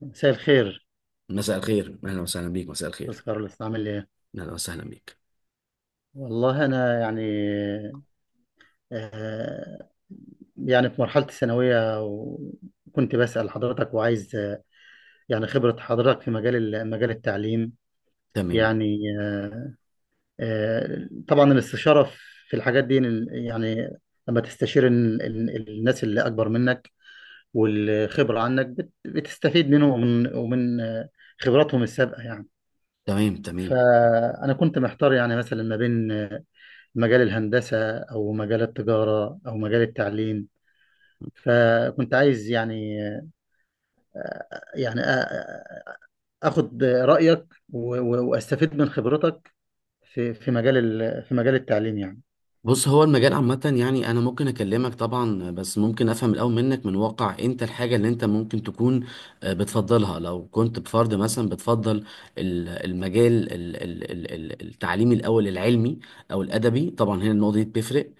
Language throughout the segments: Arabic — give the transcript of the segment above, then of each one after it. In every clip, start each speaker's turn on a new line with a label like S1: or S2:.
S1: مساء الخير،
S2: مساء الخير، اهلا وسهلا بيك. مساء الخير،
S1: أستاذ كارلوس، عامل إيه؟
S2: اهلا وسهلا بيك.
S1: والله أنا يعني، آه يعني في مرحلة الثانوية، وكنت بسأل حضرتك وعايز، يعني خبرة حضرتك في مجال مجال التعليم،
S2: تمام.
S1: يعني. طبعا الاستشارة في الحاجات دي، يعني، لما تستشير الناس اللي أكبر منك والخبرة عنك، بتستفيد منهم ومن خبراتهم السابقة يعني.
S2: تمام. تمام.
S1: فأنا كنت محتار، يعني مثلا ما بين مجال الهندسة أو مجال التجارة أو مجال التعليم. فكنت عايز، يعني يعني أ- أخد رأيك و- و- وأستفيد من خبرتك في مجال التعليم يعني.
S2: بص، هو المجال عامة يعني أنا ممكن أكلمك طبعا، بس ممكن أفهم الأول منك، من واقع أنت الحاجة اللي أنت ممكن تكون بتفضلها. لو كنت بفرد مثلا، بتفضل المجال التعليمي الأول، العلمي أو الأدبي؟ طبعا هنا النقطة دي بتفرق.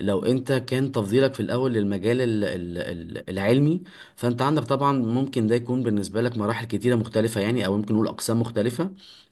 S2: لو أنت كان تفضيلك في الأول للمجال العلمي، فأنت عندك طبعا ممكن ده يكون بالنسبة لك مراحل كتيرة مختلفة يعني، أو ممكن نقول أقسام مختلفة.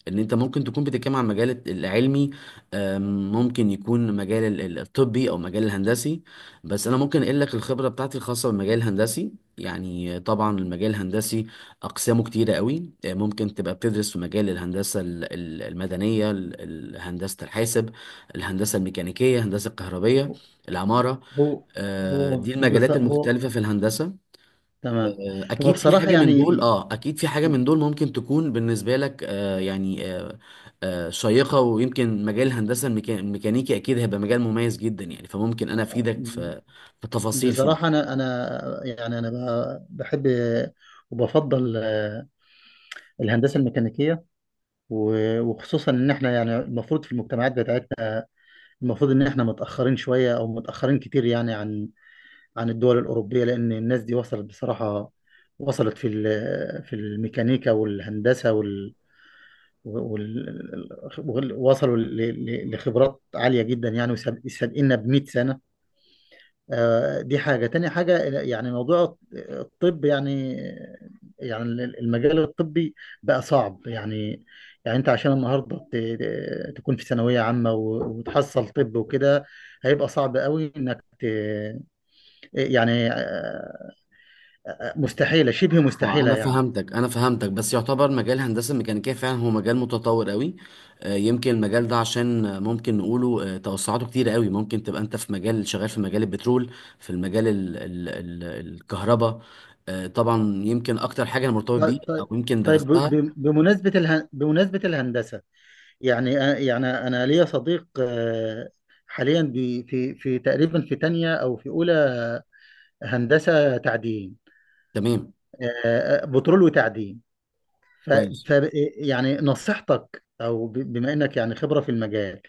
S2: ان انت ممكن تكون بتتكلم عن المجال العلمي، ممكن يكون مجال الطبي او مجال الهندسي. بس انا ممكن اقول لك الخبره بتاعتي الخاصه بالمجال الهندسي. يعني طبعا المجال الهندسي اقسامه كتيره قوي. ممكن تبقى بتدرس في مجال الهندسه المدنيه، هندسه الحاسب، الهندسه الميكانيكيه، الهندسه الكهربيه، العماره.
S1: هو هو
S2: دي
S1: بص،
S2: المجالات
S1: هو
S2: المختلفه في الهندسه.
S1: تمام. هو بصراحة، يعني
S2: اكيد في حاجه من دول ممكن تكون بالنسبه لك، يعني شيقه. ويمكن مجال الهندسه الميكانيكي اكيد هيبقى مجال مميز جدا يعني، فممكن انا افيدك في تفاصيل
S1: بصراحة،
S2: فيه.
S1: أنا يعني أنا بحب وبفضل الهندسة الميكانيكية، و- وخصوصا إن إحنا، يعني المفروض في المجتمعات بتاعتنا، المفروض ان احنا متاخرين شويه او متاخرين كتير، يعني عن الدول الاوروبيه، لان الناس دي وصلت بصراحه، وصلت في الميكانيكا والهندسه، وال وصلوا لخبرات عاليه جدا يعني، وسابقنا ب 100 سنه. دي حاجة، تاني حاجة يعني موضوع الطب. يعني يعني المجال الطبي بقى صعب يعني. يعني انت عشان النهاردة تكون في ثانوية عامة و- وتحصل طب وكده، هيبقى صعب قوي انك يعني، مستحيلة، شبه
S2: اه
S1: مستحيلة
S2: انا
S1: يعني.
S2: فهمتك، بس يعتبر مجال الهندسه الميكانيكيه فعلا هو مجال متطور قوي. يمكن المجال ده عشان، ممكن نقوله توسعاته كتير قوي، ممكن تبقى انت في مجال شغال في مجال البترول، في المجال ال ال ال الكهرباء. طبعا يمكن اكتر حاجه انا مرتبط
S1: طيب،
S2: بيه او
S1: طيب،
S2: يمكن
S1: طيب،
S2: درستها.
S1: بمناسبة بمناسبة الهندسة، يعني، يعني أنا ليا صديق، حاليا في تقريبا في تانية أو في أولى هندسة تعدين.
S2: تمام.
S1: بترول وتعدين. ف...
S2: كويس.
S1: ف... يعني نصيحتك، او بما انك يعني خبرة في المجال.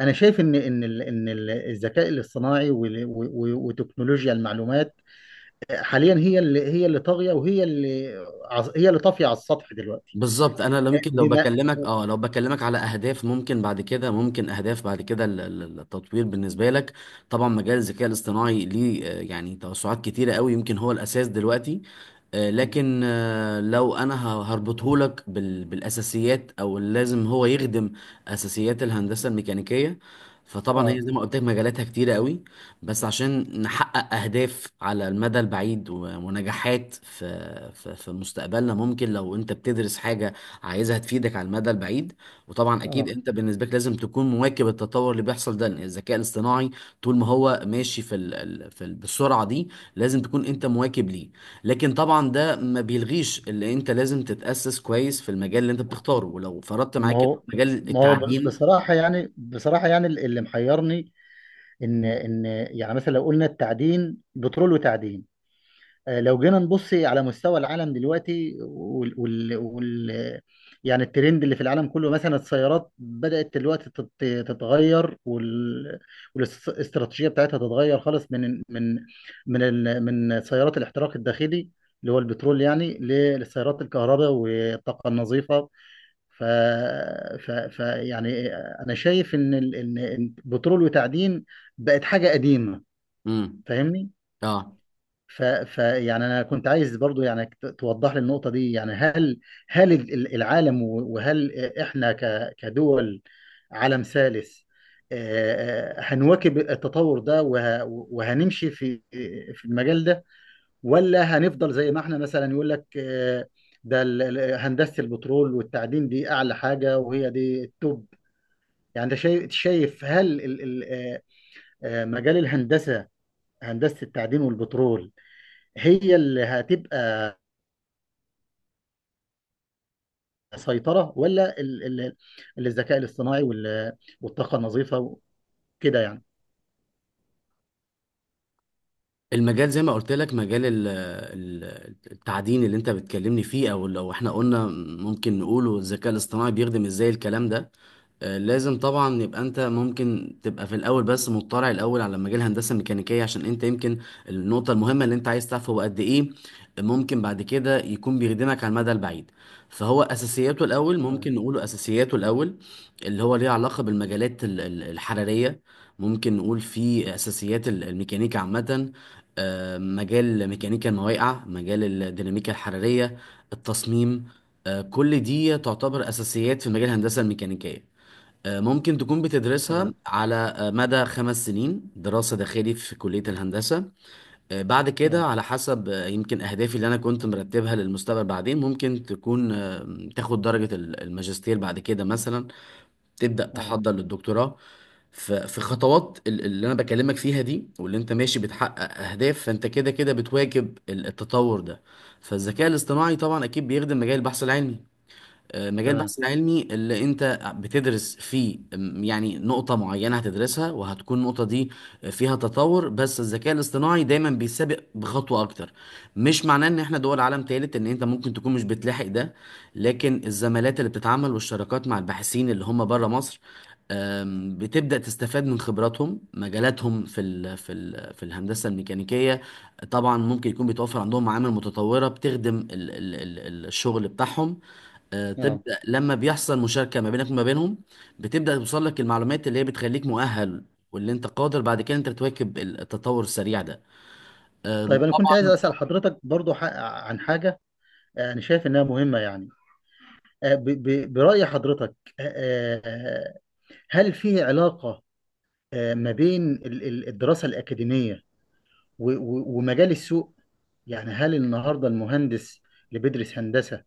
S1: انا شايف ان الذكاء الاصطناعي وال... و... و... وتكنولوجيا المعلومات، حاليا هي اللي، طاغية وهي اللي عز- هي اللي طافية على السطح دلوقتي.
S2: بالظبط. انا لو
S1: آه،
S2: ممكن لو
S1: بما
S2: بكلمك اه لو بكلمك على اهداف، ممكن بعد كده ممكن اهداف بعد كده ال- ال- التطوير بالنسبه لك. طبعا مجال الذكاء الاصطناعي ليه يعني توسعات كتيره قوي، يمكن هو الاساس دلوقتي. لكن لو انا هربطهولك بالاساسيات، او لازم هو يخدم اساسيات الهندسه الميكانيكيه. فطبعا هي
S1: اه
S2: زي ما قلت لك مجالاتها كتيره قوي، بس عشان نحقق اهداف على المدى البعيد ونجاحات في مستقبلنا، ممكن لو انت بتدرس حاجه عايزها تفيدك على المدى البعيد. وطبعا اكيد
S1: اه
S2: انت بالنسبه لك لازم تكون مواكب التطور اللي بيحصل ده، لأن الذكاء الاصطناعي طول ما هو ماشي في ال- ال- في ال- بالسرعه دي، لازم تكون انت مواكب ليه. لكن طبعا ده ما بيلغيش اللي انت لازم تتأسس كويس في المجال اللي انت بتختاره، ولو فرضت
S1: ما
S2: معاك
S1: هو
S2: مجال
S1: ما هو
S2: التعدين.
S1: بصراحة يعني، بصراحة يعني اللي محيرني، ان يعني مثلا لو قلنا التعدين، بترول وتعدين. لو جينا نبص على مستوى العالم دلوقتي، وال وال وال يعني الترند اللي في العالم كله، مثلا السيارات بدأت دلوقتي تتغير، وال- والاستراتيجية بتاعتها تتغير خالص، من من سيارات الاحتراق الداخلي اللي هو البترول، يعني للسيارات الكهرباء والطاقة النظيفة. ف, ف, ف يعني أنا شايف إن إن بترول وتعدين بقت حاجة قديمة.
S2: امم.
S1: فاهمني؟
S2: اه.
S1: ف... ف يعني انا كنت عايز برضو، يعني توضح لي النقطه دي. يعني هل العالم و- وهل احنا كدول عالم ثالث، هنواكب التطور ده وه... وهنمشي في المجال ده؟ ولا هنفضل زي ما احنا، مثلا يقول لك، ده هندسه البترول والتعدين دي اعلى حاجه، وهي دي التوب. يعني انت شايف، هل مجال الهندسه، هندسه التعدين والبترول، هي اللي هتبقى سيطرة، ولا الذكاء الاصطناعي وال- والطاقة النظيفة وكده يعني.
S2: المجال زي ما قلت لك، مجال التعدين اللي انت بتكلمني فيه، او لو احنا قلنا ممكن نقوله الذكاء الاصطناعي بيخدم ازاي الكلام ده. لازم طبعا يبقى انت ممكن تبقى في الاول، بس مطلع الاول على مجال الهندسه الميكانيكيه، عشان انت يمكن النقطه المهمه اللي انت عايز تعرفه هو قد ايه ممكن بعد كده يكون بيخدمك على المدى البعيد. فهو اساسياته الاول،
S1: آه،
S2: ممكن نقوله اساسياته الاول اللي هو ليه علاقه بالمجالات الحراريه، ممكن نقول فيه اساسيات الميكانيكا عامه، مجال ميكانيكا المواقع، مجال الديناميكا الحرارية، التصميم. كل دي تعتبر أساسيات في مجال الهندسة الميكانيكية. ممكن تكون بتدرسها
S1: تمام.
S2: على مدى 5 سنين دراسة داخلي في كلية الهندسة. بعد كده
S1: اه.
S2: على حسب يمكن أهدافي اللي أنا كنت مرتبها للمستقبل، بعدين ممكن تكون تاخد درجة الماجستير بعد كده مثلا، تبدأ
S1: اه.
S2: تحضر للدكتوراه. في خطوات اللي انا بكلمك فيها دي، واللي انت ماشي بتحقق اهداف، فانت كده كده بتواكب التطور ده. فالذكاء الاصطناعي طبعا اكيد بيخدم مجال البحث العلمي. مجال
S1: تمام.
S2: البحث العلمي اللي انت بتدرس فيه، يعني نقطة معينة هتدرسها وهتكون النقطة دي فيها تطور، بس الذكاء الاصطناعي دايما بيسابق بخطوة اكتر. مش معناه ان احنا دول عالم تالت ان انت ممكن تكون مش بتلاحق ده، لكن الزمالات اللي بتتعامل والشراكات مع الباحثين اللي هم بره مصر، بتبدأ تستفاد من خبراتهم، مجالاتهم في الهندسة الميكانيكية. طبعا ممكن يكون بيتوفر عندهم معامل متطورة بتخدم الشغل بتاعهم.
S1: اه.
S2: تبدأ لما بيحصل مشاركة ما بينك وما بينهم، بتبدأ توصل لك المعلومات اللي هي بتخليك مؤهل، واللي انت قادر بعد كده انت تواكب التطور السريع ده.
S1: طيب، انا كنت عايز
S2: طبعا.
S1: اسال حضرتك برضو، عن حاجه، انا شايف انها مهمه يعني. براي حضرتك، آه، آه، هل في علاقه ما بين الدراسه الاكاديميه و- و- ومجال السوق؟ يعني هل النهارده المهندس اللي بيدرس هندسه،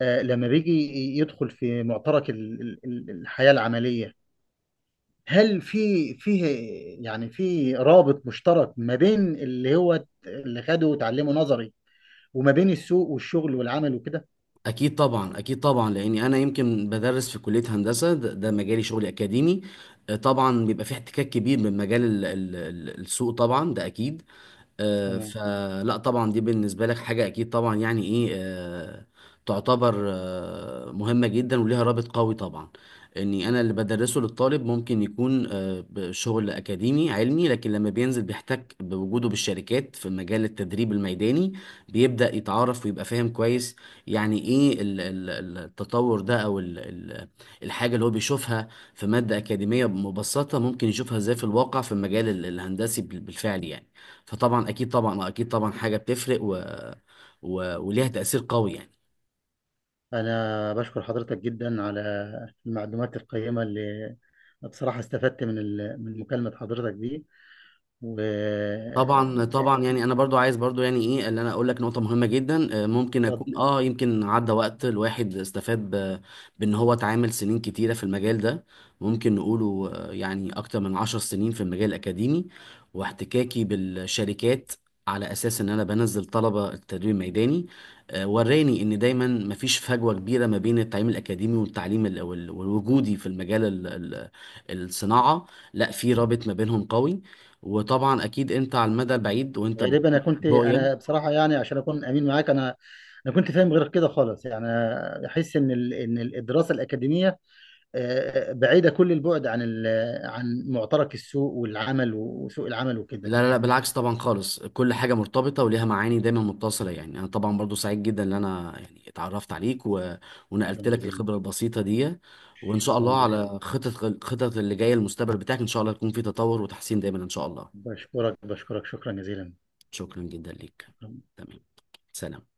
S1: لما بيجي يدخل في معترك الحياه العمليه، هل فيه، يعني، في رابط مشترك ما بين اللي هو اللي خده وتعلمه نظري، وما بين السوق والشغل والعمل وكده؟
S2: اكيد طبعا، اكيد طبعا، لاني انا يمكن بدرس في كليه هندسه، ده مجالي شغلي اكاديمي. طبعا بيبقى في احتكاك كبير من مجال السوق، طبعا ده اكيد.
S1: مم.
S2: فلا طبعا دي بالنسبة لك حاجة أكيد طبعا يعني إيه، تعتبر مهمة جدا وليها رابط قوي طبعا. إني أنا اللي بدرسه للطالب ممكن يكون بشغل أكاديمي علمي، لكن لما بينزل بيحتك بوجوده بالشركات في مجال التدريب الميداني، بيبدأ يتعرف ويبقى فاهم كويس يعني إيه التطور ده، أو الحاجة اللي هو بيشوفها في مادة أكاديمية مبسطة ممكن يشوفها إزاي في الواقع في المجال الهندسي بالفعل يعني. فطبعا اكيد طبعا اكيد طبعا حاجه بتفرق وليها تاثير قوي يعني.
S1: أنا بشكر حضرتك جدا على المعلومات القيمة اللي، بصراحة، استفدت من من مكالمة حضرتك دي و
S2: طبعا
S1: لا،
S2: طبعا، يعني انا برضو عايز برضو يعني ايه اللي انا اقول لك نقطه مهمه جدا. ممكن
S1: اتفضل.
S2: اكون يمكن عدى وقت الواحد استفاد بان هو اتعامل سنين كتيره في المجال ده. ممكن نقوله يعني اكتر من 10 سنين في المجال الاكاديمي، واحتكاكي بالشركات على اساس ان انا بنزل طلبه التدريب الميداني. وراني ان دايما مفيش فجوه كبيره ما بين التعليم الاكاديمي والتعليم والوجودي في المجال الصناعه. لا، في رابط ما بينهم قوي. وطبعا اكيد انت على المدى البعيد وانت
S1: غالبا
S2: بتحط
S1: أنا
S2: رؤيه.
S1: بصراحة، يعني عشان أكون أمين معاك، أنا كنت فاهم غير كده خالص، يعني أحس إن إن الدراسة الأكاديمية بعيدة كل البعد عن عن معترك السوق والعمل، وسوق العمل وكده.
S2: لا، لا، لا، بالعكس طبعا خالص، كل حاجه مرتبطه وليها معاني دايما متصله يعني. انا طبعا برضو سعيد جدا ان انا يعني اتعرفت عليك،
S1: شكرا
S2: ونقلت لك
S1: جزيلا،
S2: الخبره البسيطه دي. وان شاء
S1: شكرا
S2: الله
S1: جزيلا،
S2: على خطط، خطط اللي جايه المستقبل بتاعك، ان شاء الله يكون في تطور وتحسين دايما ان شاء الله.
S1: بشكرك، بشكرك، شكرا جزيلا،
S2: شكرا جدا ليك.
S1: شكرا.
S2: تمام. سلام.